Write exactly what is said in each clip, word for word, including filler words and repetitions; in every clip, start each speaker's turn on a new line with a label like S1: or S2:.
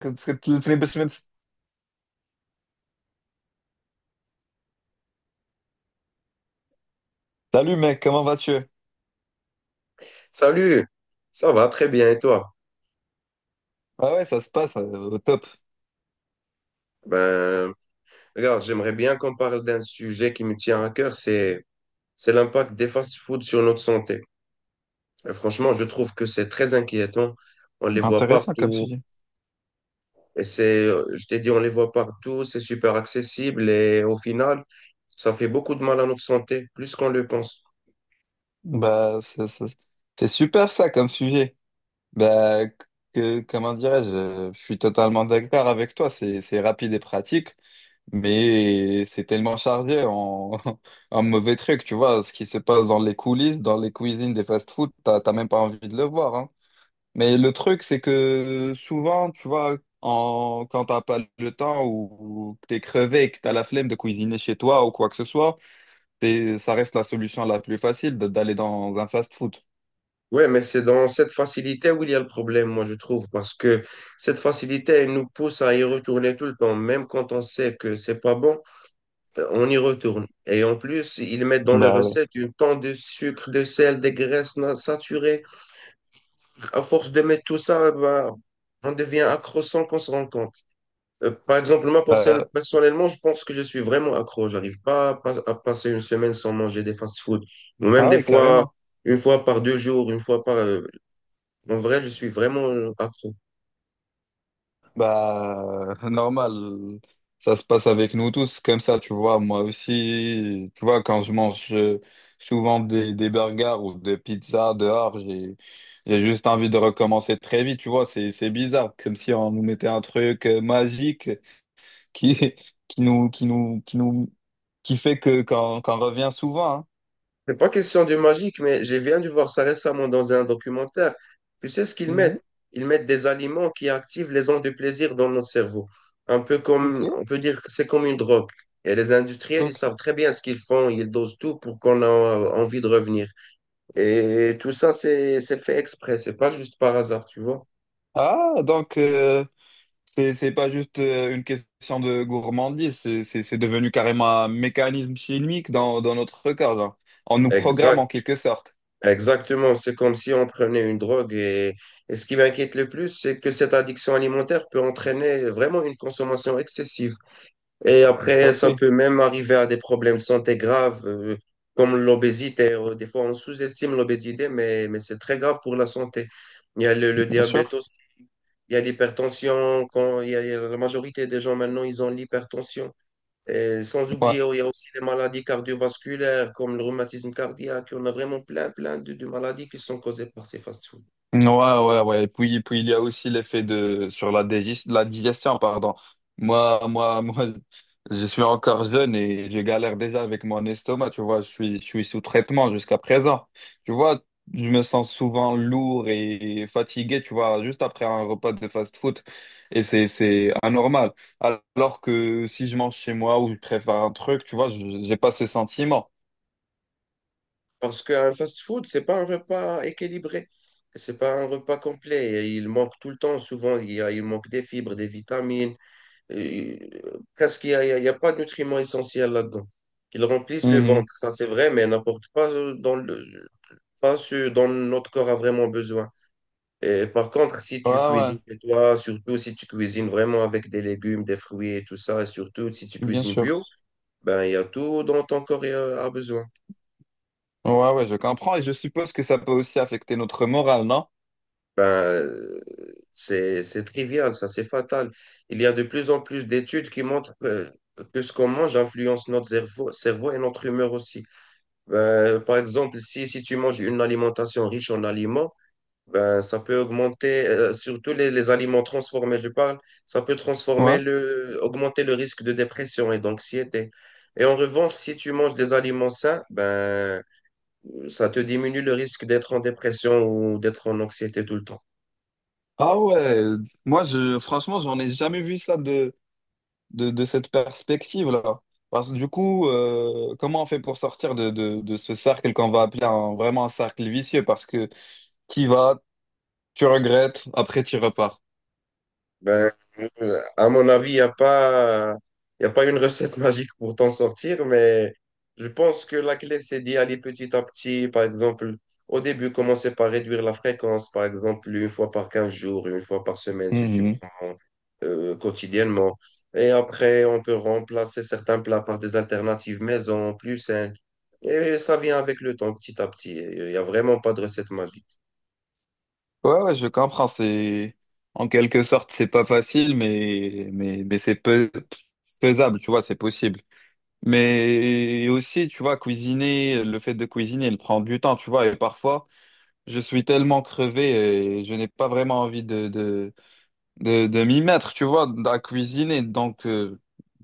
S1: que- que tu fais deux semaines. Salut mec, comment vas-tu?
S2: Salut, ça va très bien et toi?
S1: Ah ouais, ça se passe euh, au top.
S2: Ben, regarde, j'aimerais bien qu'on parle d'un sujet qui me tient à cœur, c'est c'est l'impact des fast-foods sur notre santé. Et franchement, je trouve que c'est très inquiétant. On les voit
S1: Intéressant comme
S2: partout
S1: sujet.
S2: et c'est, euh, je t'ai dit, on les voit partout, c'est super accessible et au final, ça fait beaucoup de mal à notre santé, plus qu'on le pense.
S1: Bah, ça- ça- c'est super ça comme sujet. Bah, que, comment dirais-je, euh, je suis totalement d'accord avec toi. C'est, c'est rapide et pratique, mais c'est tellement chargé en, en mauvais trucs. Tu vois, ce qui se passe dans les coulisses, dans les cuisines des fast-food, t'as t'as même pas envie de le voir, hein. Mais le truc, c'est que souvent, tu vois, en, quand t'as pas le temps ou, ou que t'es crevé et que t'as la flemme de cuisiner chez toi ou quoi que ce soit, t'es- ça reste la solution la plus facile de- d'aller dans un fast-food.
S2: Ouais, mais c'est dans cette facilité où il y a le problème, moi je trouve, parce que cette facilité, elle nous pousse à y retourner tout le temps, même quand on sait que c'est pas bon. On y retourne. Et en plus, ils mettent dans les
S1: Bah ouais.
S2: recettes une tonne de sucre, de sel, des graisses na- saturées. À force de mettre tout ça, ben, on devient accro sans qu'on se rende compte. Euh, par exemple, moi, perso-
S1: Euh,
S2: personnellement, je pense que je suis vraiment accro. J'arrive pas à, pas- à passer une semaine sans manger des fast-food. Ou même
S1: ah
S2: des
S1: oui,
S2: fois,
S1: carrément.
S2: une fois par deux jours, une fois par... euh, En vrai, je suis vraiment euh, accro.
S1: Bah, normal, ça se passe avec nous tous comme ça, tu vois. Moi aussi, tu vois, quand je mange euh, souvent des, des burgers ou des pizzas dehors, j'ai, j'ai juste envie de recommencer très vite, tu vois. C'est, c'est bizarre, comme si on nous mettait un truc euh, magique qui, qui nous, qui nous, qui nous, qui fait que, qu'on, qu'on revient souvent, hein.
S2: C'est pas question de magique, mais j'ai viens de voir ça récemment dans un documentaire. Tu sais ce qu'ils
S1: Mhm,
S2: mettent? Ils mettent des aliments qui activent les ondes de plaisir dans notre cerveau. Un peu
S1: ok,
S2: comme, on peut dire que c'est comme une drogue. Et les industriels, ils
S1: ok.
S2: savent très bien ce qu'ils font. Ils dosent tout pour qu'on a envie de revenir. Et tout ça, c'est, c'est fait exprès. C'est pas juste par hasard, tu vois.
S1: Ah, donc, euh, C'est, c'est pas juste euh, une question de gourmandise, c'est c'est- c'est devenu carrément un mécanisme chimique dans, dans notre corps, genre. On nous programme
S2: Exact.
S1: en quelque sorte.
S2: Exactement. C'est comme si on prenait une drogue. Et, et ce qui m'inquiète le plus, c'est que cette addiction alimentaire peut entraîner vraiment une consommation excessive. Et
S1: Tout à
S2: après, ça
S1: fait,
S2: peut même arriver à des problèmes de santé graves, euh, comme l'obésité. Euh, Des fois, on sous-estime l'obésité, mais, mais c'est très grave pour la santé. Il y a le, le
S1: bien
S2: diabète
S1: sûr.
S2: aussi, il y a l'hypertension. Quand il y a, il y a la majorité des gens maintenant, ils ont l'hypertension. Et sans
S1: Ouais.
S2: oublier, il y a aussi les maladies cardiovasculaires, comme le rhumatisme cardiaque. On a vraiment plein, plein de, de maladies qui sont causées par ces fast-foods.
S1: Ouais, ouais, ouais. Et puis, et puis il y a aussi l'effet de sur la digest, la digestion, pardon. Moi, moi, moi, je suis encore jeune et je galère déjà avec mon estomac. Tu vois, je suis, je suis sous traitement jusqu'à présent. Tu vois, je me sens souvent lourd et fatigué. Tu vois, juste après un repas de fast-food, et c'est, c'est anormal. Alors que si je mange chez moi ou je prépare un truc, tu vois, je- j'ai pas ce sentiment.
S2: Parce qu'un fast-food, c'est pas un repas équilibré. C'est pas un repas complet. Et il manque tout le temps, souvent, il, y a- il manque des fibres, des vitamines. euh, Presque, il n'y a, il y a- il y a pas de nutriments essentiels là-dedans. Ils remplissent le
S1: Mhm.
S2: ventre, ça c'est vrai, mais n'apportent pas, euh, dans le, pas ce dont notre corps a vraiment besoin. Et par contre, si
S1: Ouais,
S2: tu
S1: ouais,
S2: cuisines chez toi, surtout si tu cuisines vraiment avec des légumes, des fruits et tout ça, et surtout si tu
S1: bien
S2: cuisines
S1: sûr.
S2: bio, ben, il y a tout dont ton corps euh, a besoin.
S1: Ouais, ouais, je comprends et je suppose que ça peut aussi affecter notre morale, non?
S2: Ben, c'est, c'est trivial, ça, c'est fatal. Il y a de plus en plus d'études qui montrent que, que ce qu'on mange influence notre cerveau, cerveau et notre humeur aussi. Ben, par exemple, si, si tu manges une alimentation riche en aliments, ben, ça peut augmenter, euh, surtout les, les aliments transformés, je parle, ça peut transformer
S1: Ouais.
S2: le, augmenter le risque de dépression et d'anxiété. Et en revanche, si tu manges des aliments sains, ben, ça te diminue le risque d'être en dépression ou d'être en anxiété tout le temps.
S1: Ah ouais, moi je franchement j'en ai jamais vu ça de, de, de cette perspective-là. Parce que du coup, euh, comment on fait pour sortir de, de, de ce cercle qu'on va appeler un, vraiment un cercle vicieux? Parce que tu vas, tu regrettes, après tu repars.
S2: Ben, euh, à mon avis, il n'y a pas, il a pas une recette magique pour t'en sortir, mais je pense que la clé, c'est d'y aller petit à petit. Par exemple, au début, commencer par réduire la fréquence, par exemple, une fois par quinze jours, une fois par semaine, si tu
S1: Mhm.
S2: prends euh, quotidiennement. Et après, on peut remplacer certains plats par des alternatives maison, plus saines. Et ça vient avec le temps, petit à petit. Il n'y a vraiment pas de recette magique.
S1: Ouais, ouais, je comprends. C'est en quelque sorte c'est pas facile, mais mais, mais c'est peu- faisable, tu vois, c'est possible. Mais aussi, tu vois, cuisiner, le fait de cuisiner, il prend du temps, tu vois, et parfois, je suis tellement crevé et je n'ai pas vraiment envie de, de, de, de m'y mettre, tu vois, à cuisiner. Donc, euh,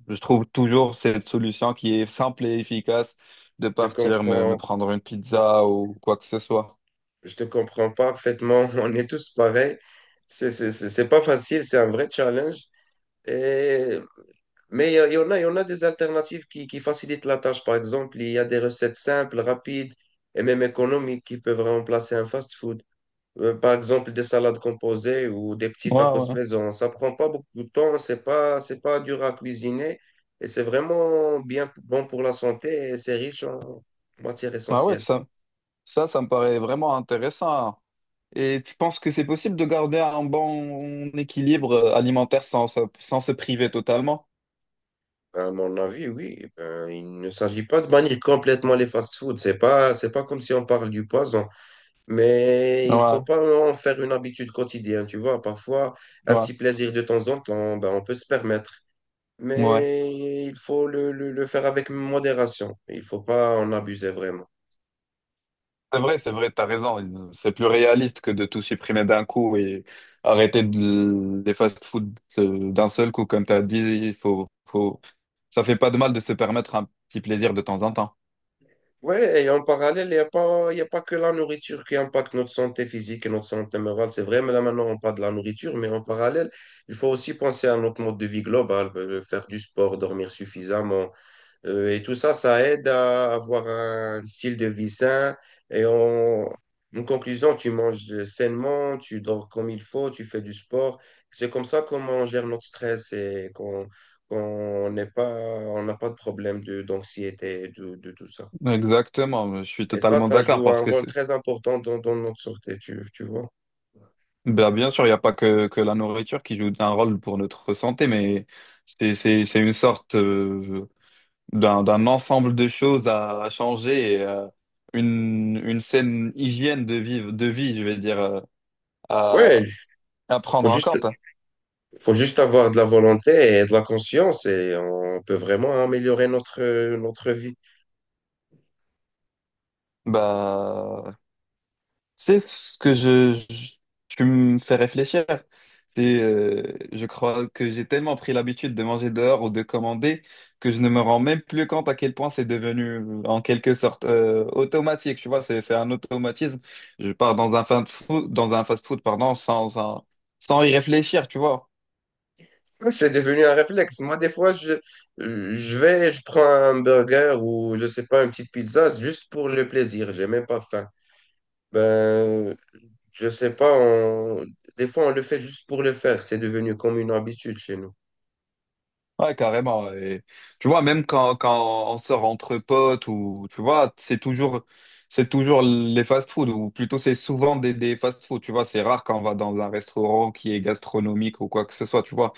S1: je trouve toujours cette solution qui est simple et efficace de
S2: Je
S1: partir me, me
S2: comprends,
S1: prendre une pizza ou quoi que ce soit.
S2: je te comprends parfaitement. On est tous pareils. C'est c'est- c'est- c'est pas facile, c'est un vrai challenge. Et- mais il y, a- il y en a, il y en a des alternatives qui, qui facilitent la tâche. Par exemple, il y a des recettes simples, rapides et même économiques qui peuvent remplacer un fast-food. Euh, par exemple, des salades composées ou des petits
S1: Ouais,
S2: tacos
S1: ouais.
S2: maison. Ça prend pas beaucoup de temps, c'est pas, c'est pas dur à cuisiner et c'est vraiment bien bon pour la santé et c'est riche en matières
S1: Ah ouais,
S2: essentielles.
S1: ça, ça, ça me paraît vraiment intéressant. Et tu penses que c'est possible de garder un bon équilibre alimentaire sans, se- sans se priver totalement?
S2: Ben, à mon avis, oui. Ben, il ne s'agit pas de bannir complètement les fast-foods. C'est pas, c'est pas comme si on parle du poison. Mais il faut
S1: Ouais.
S2: pas en faire une habitude quotidienne, tu vois. Parfois, un
S1: Ouais,
S2: petit plaisir de temps en temps, ben, on peut se permettre.
S1: ouais.
S2: Mais il faut le, le, le faire avec modération. Il faut pas en abuser vraiment.
S1: C'est vrai, c'est vrai, t'as raison. C'est plus réaliste que de tout supprimer d'un coup et arrêter de, des fast-food euh, d'un seul coup. Comme t'as dit, il faut, faut... Ça fait pas de mal de se permettre un petit plaisir de temps en temps.
S2: Ouais, et en parallèle, il n'y a pas, il y a pas que la nourriture qui impacte notre santé physique et notre santé morale. C'est vrai, mais là maintenant, on parle de la nourriture, mais en parallèle, il faut aussi penser à notre mode de vie global, euh, faire du sport, dormir suffisamment. Euh, et tout ça, ça aide à avoir un style de vie sain. Et en, En conclusion, tu manges sainement, tu dors comme il faut, tu fais du sport. C'est comme ça qu'on gère notre stress et qu'on qu'on n'est pas, on n'a pas de problème de, d'anxiété, de, de tout ça.
S1: Exactement, je suis
S2: Et ça,
S1: totalement
S2: ça
S1: d'accord
S2: joue
S1: parce
S2: un
S1: que
S2: rôle
S1: c'est-
S2: très important dans, dans notre sûreté, tu, tu vois.
S1: Ben, bien sûr, il n'y a pas que, que la nourriture qui joue un rôle pour notre santé, mais c'est, c'est, c'est une sorte euh, d'un, d'un ensemble de choses à, à changer et euh, une, une saine hygiène de vie, de vie, je vais dire, euh, à,
S2: Ouais, il
S1: à prendre
S2: faut
S1: en
S2: juste,
S1: compte.
S2: faut juste avoir de la volonté et de la conscience et on peut vraiment améliorer notre, notre vie.
S1: Bah, c'est ce que je, je- tu me fais réfléchir, c'est, euh, je crois que j'ai tellement pris l'habitude de manger dehors ou de commander que je ne me rends même plus compte à quel point c'est devenu en quelque sorte euh, automatique. Tu vois, c'est, c'est un automatisme. Je pars dans un fast food, dans un fast food, pardon, sans, sans, sans y réfléchir, tu vois.
S2: Ouais, c'est devenu un réflexe. Moi, des fois, je, je vais, je prends un burger ou, je sais pas, une petite pizza juste pour le plaisir. J'ai même pas faim. Ben, je sais pas, on- des fois, on le fait juste pour le faire. C'est devenu comme une habitude chez nous.
S1: Ouais, carrément. Et, tu vois, même quand, quand on sort entre potes ou tu vois, c'est toujours c'est toujours les fast-food ou plutôt c'est souvent des, des fast-food. Tu vois, c'est rare quand on va dans un restaurant qui est gastronomique ou quoi que ce soit. Tu vois,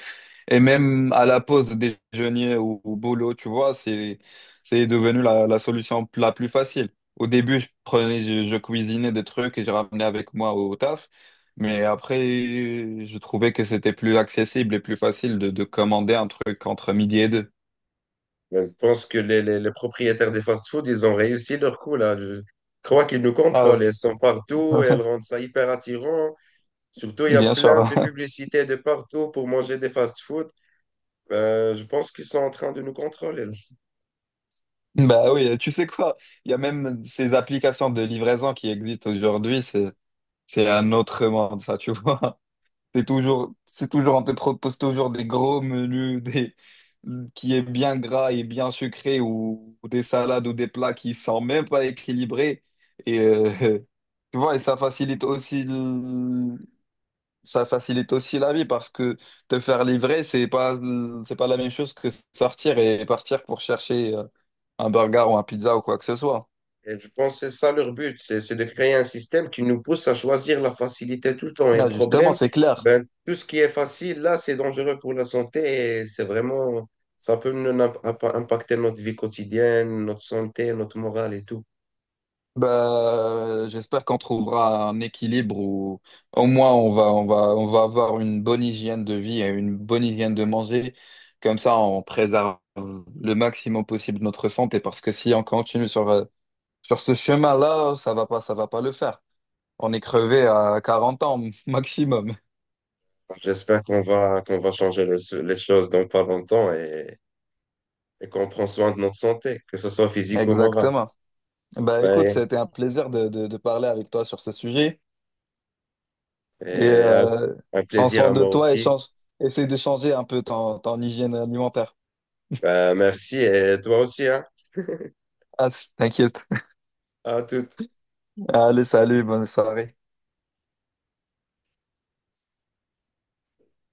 S1: et même à la pause déjeuner ou au boulot, tu vois, c'est, c'est devenu la, la solution la plus facile. Au début, je prenais, je, je cuisinais des trucs et je ramenais avec moi au taf. Mais après, je trouvais que c'était plus accessible et plus facile de, de commander un truc entre midi et deux.
S2: Ben, je pense que les, les, les propriétaires des fast-food, ils ont réussi leur coup là. Je crois qu'ils nous
S1: Ah,
S2: contrôlent. Elles
S1: c'est-
S2: sont partout et elles rendent ça hyper attirant. Surtout, il y a
S1: Bien sûr.
S2: plein de publicités de partout pour manger des fast-food. Ben, je pense qu'ils sont en train de nous contrôler.
S1: Bah oui, tu sais quoi? Il y a même ces applications de livraison qui existent aujourd'hui. C'est, c'est un autre monde, ça, tu vois. C'est toujours, c'est toujours, on te propose toujours des gros menus, des, qui est bien gras et bien sucré, ou, ou des salades ou des plats qui sont même pas équilibrés. Et euh, tu vois, et ça facilite aussi, le- ça facilite aussi la vie parce que te faire livrer, c'est pas, c'est pas la même chose que sortir et partir pour chercher euh, un burger ou un pizza ou quoi que ce soit.
S2: Et je pense que c'est ça leur but, c'est c'est de créer un système qui nous pousse à choisir la facilité tout le temps. Et le
S1: Là, justement,
S2: problème,
S1: c'est clair.
S2: ben, tout ce qui est facile, là, c'est dangereux pour la santé et c'est vraiment, ça peut nous imp- imp- impacter notre vie quotidienne, notre santé, notre morale et tout.
S1: Bah, j'espère qu'on trouvera un équilibre où au moins on va, on va, on va avoir une bonne hygiène de vie et une bonne hygiène de manger. Comme ça, on préserve le maximum possible notre santé parce que si on continue sur, euh, sur ce chemin-là, ça va pas, ça va pas le faire. On est crevé à quarante ans maximum.
S2: J'espère qu'on va, qu'on va changer le- les choses dans pas longtemps et, et qu'on prend soin de notre santé, que ce soit physique ou morale.
S1: Exactement. Bah, écoute,
S2: Ouais.
S1: c'était un plaisir de, de, de parler avec toi sur ce sujet et
S2: Et un,
S1: euh,
S2: un
S1: prends
S2: plaisir
S1: soin
S2: à
S1: de
S2: moi
S1: toi et
S2: aussi.
S1: change, essaie de changer un peu ton, ton hygiène alimentaire.
S2: Ben, merci et toi aussi, hein.
S1: Ah, t'inquiète.
S2: À tout.
S1: Allez, salut, bonne soirée.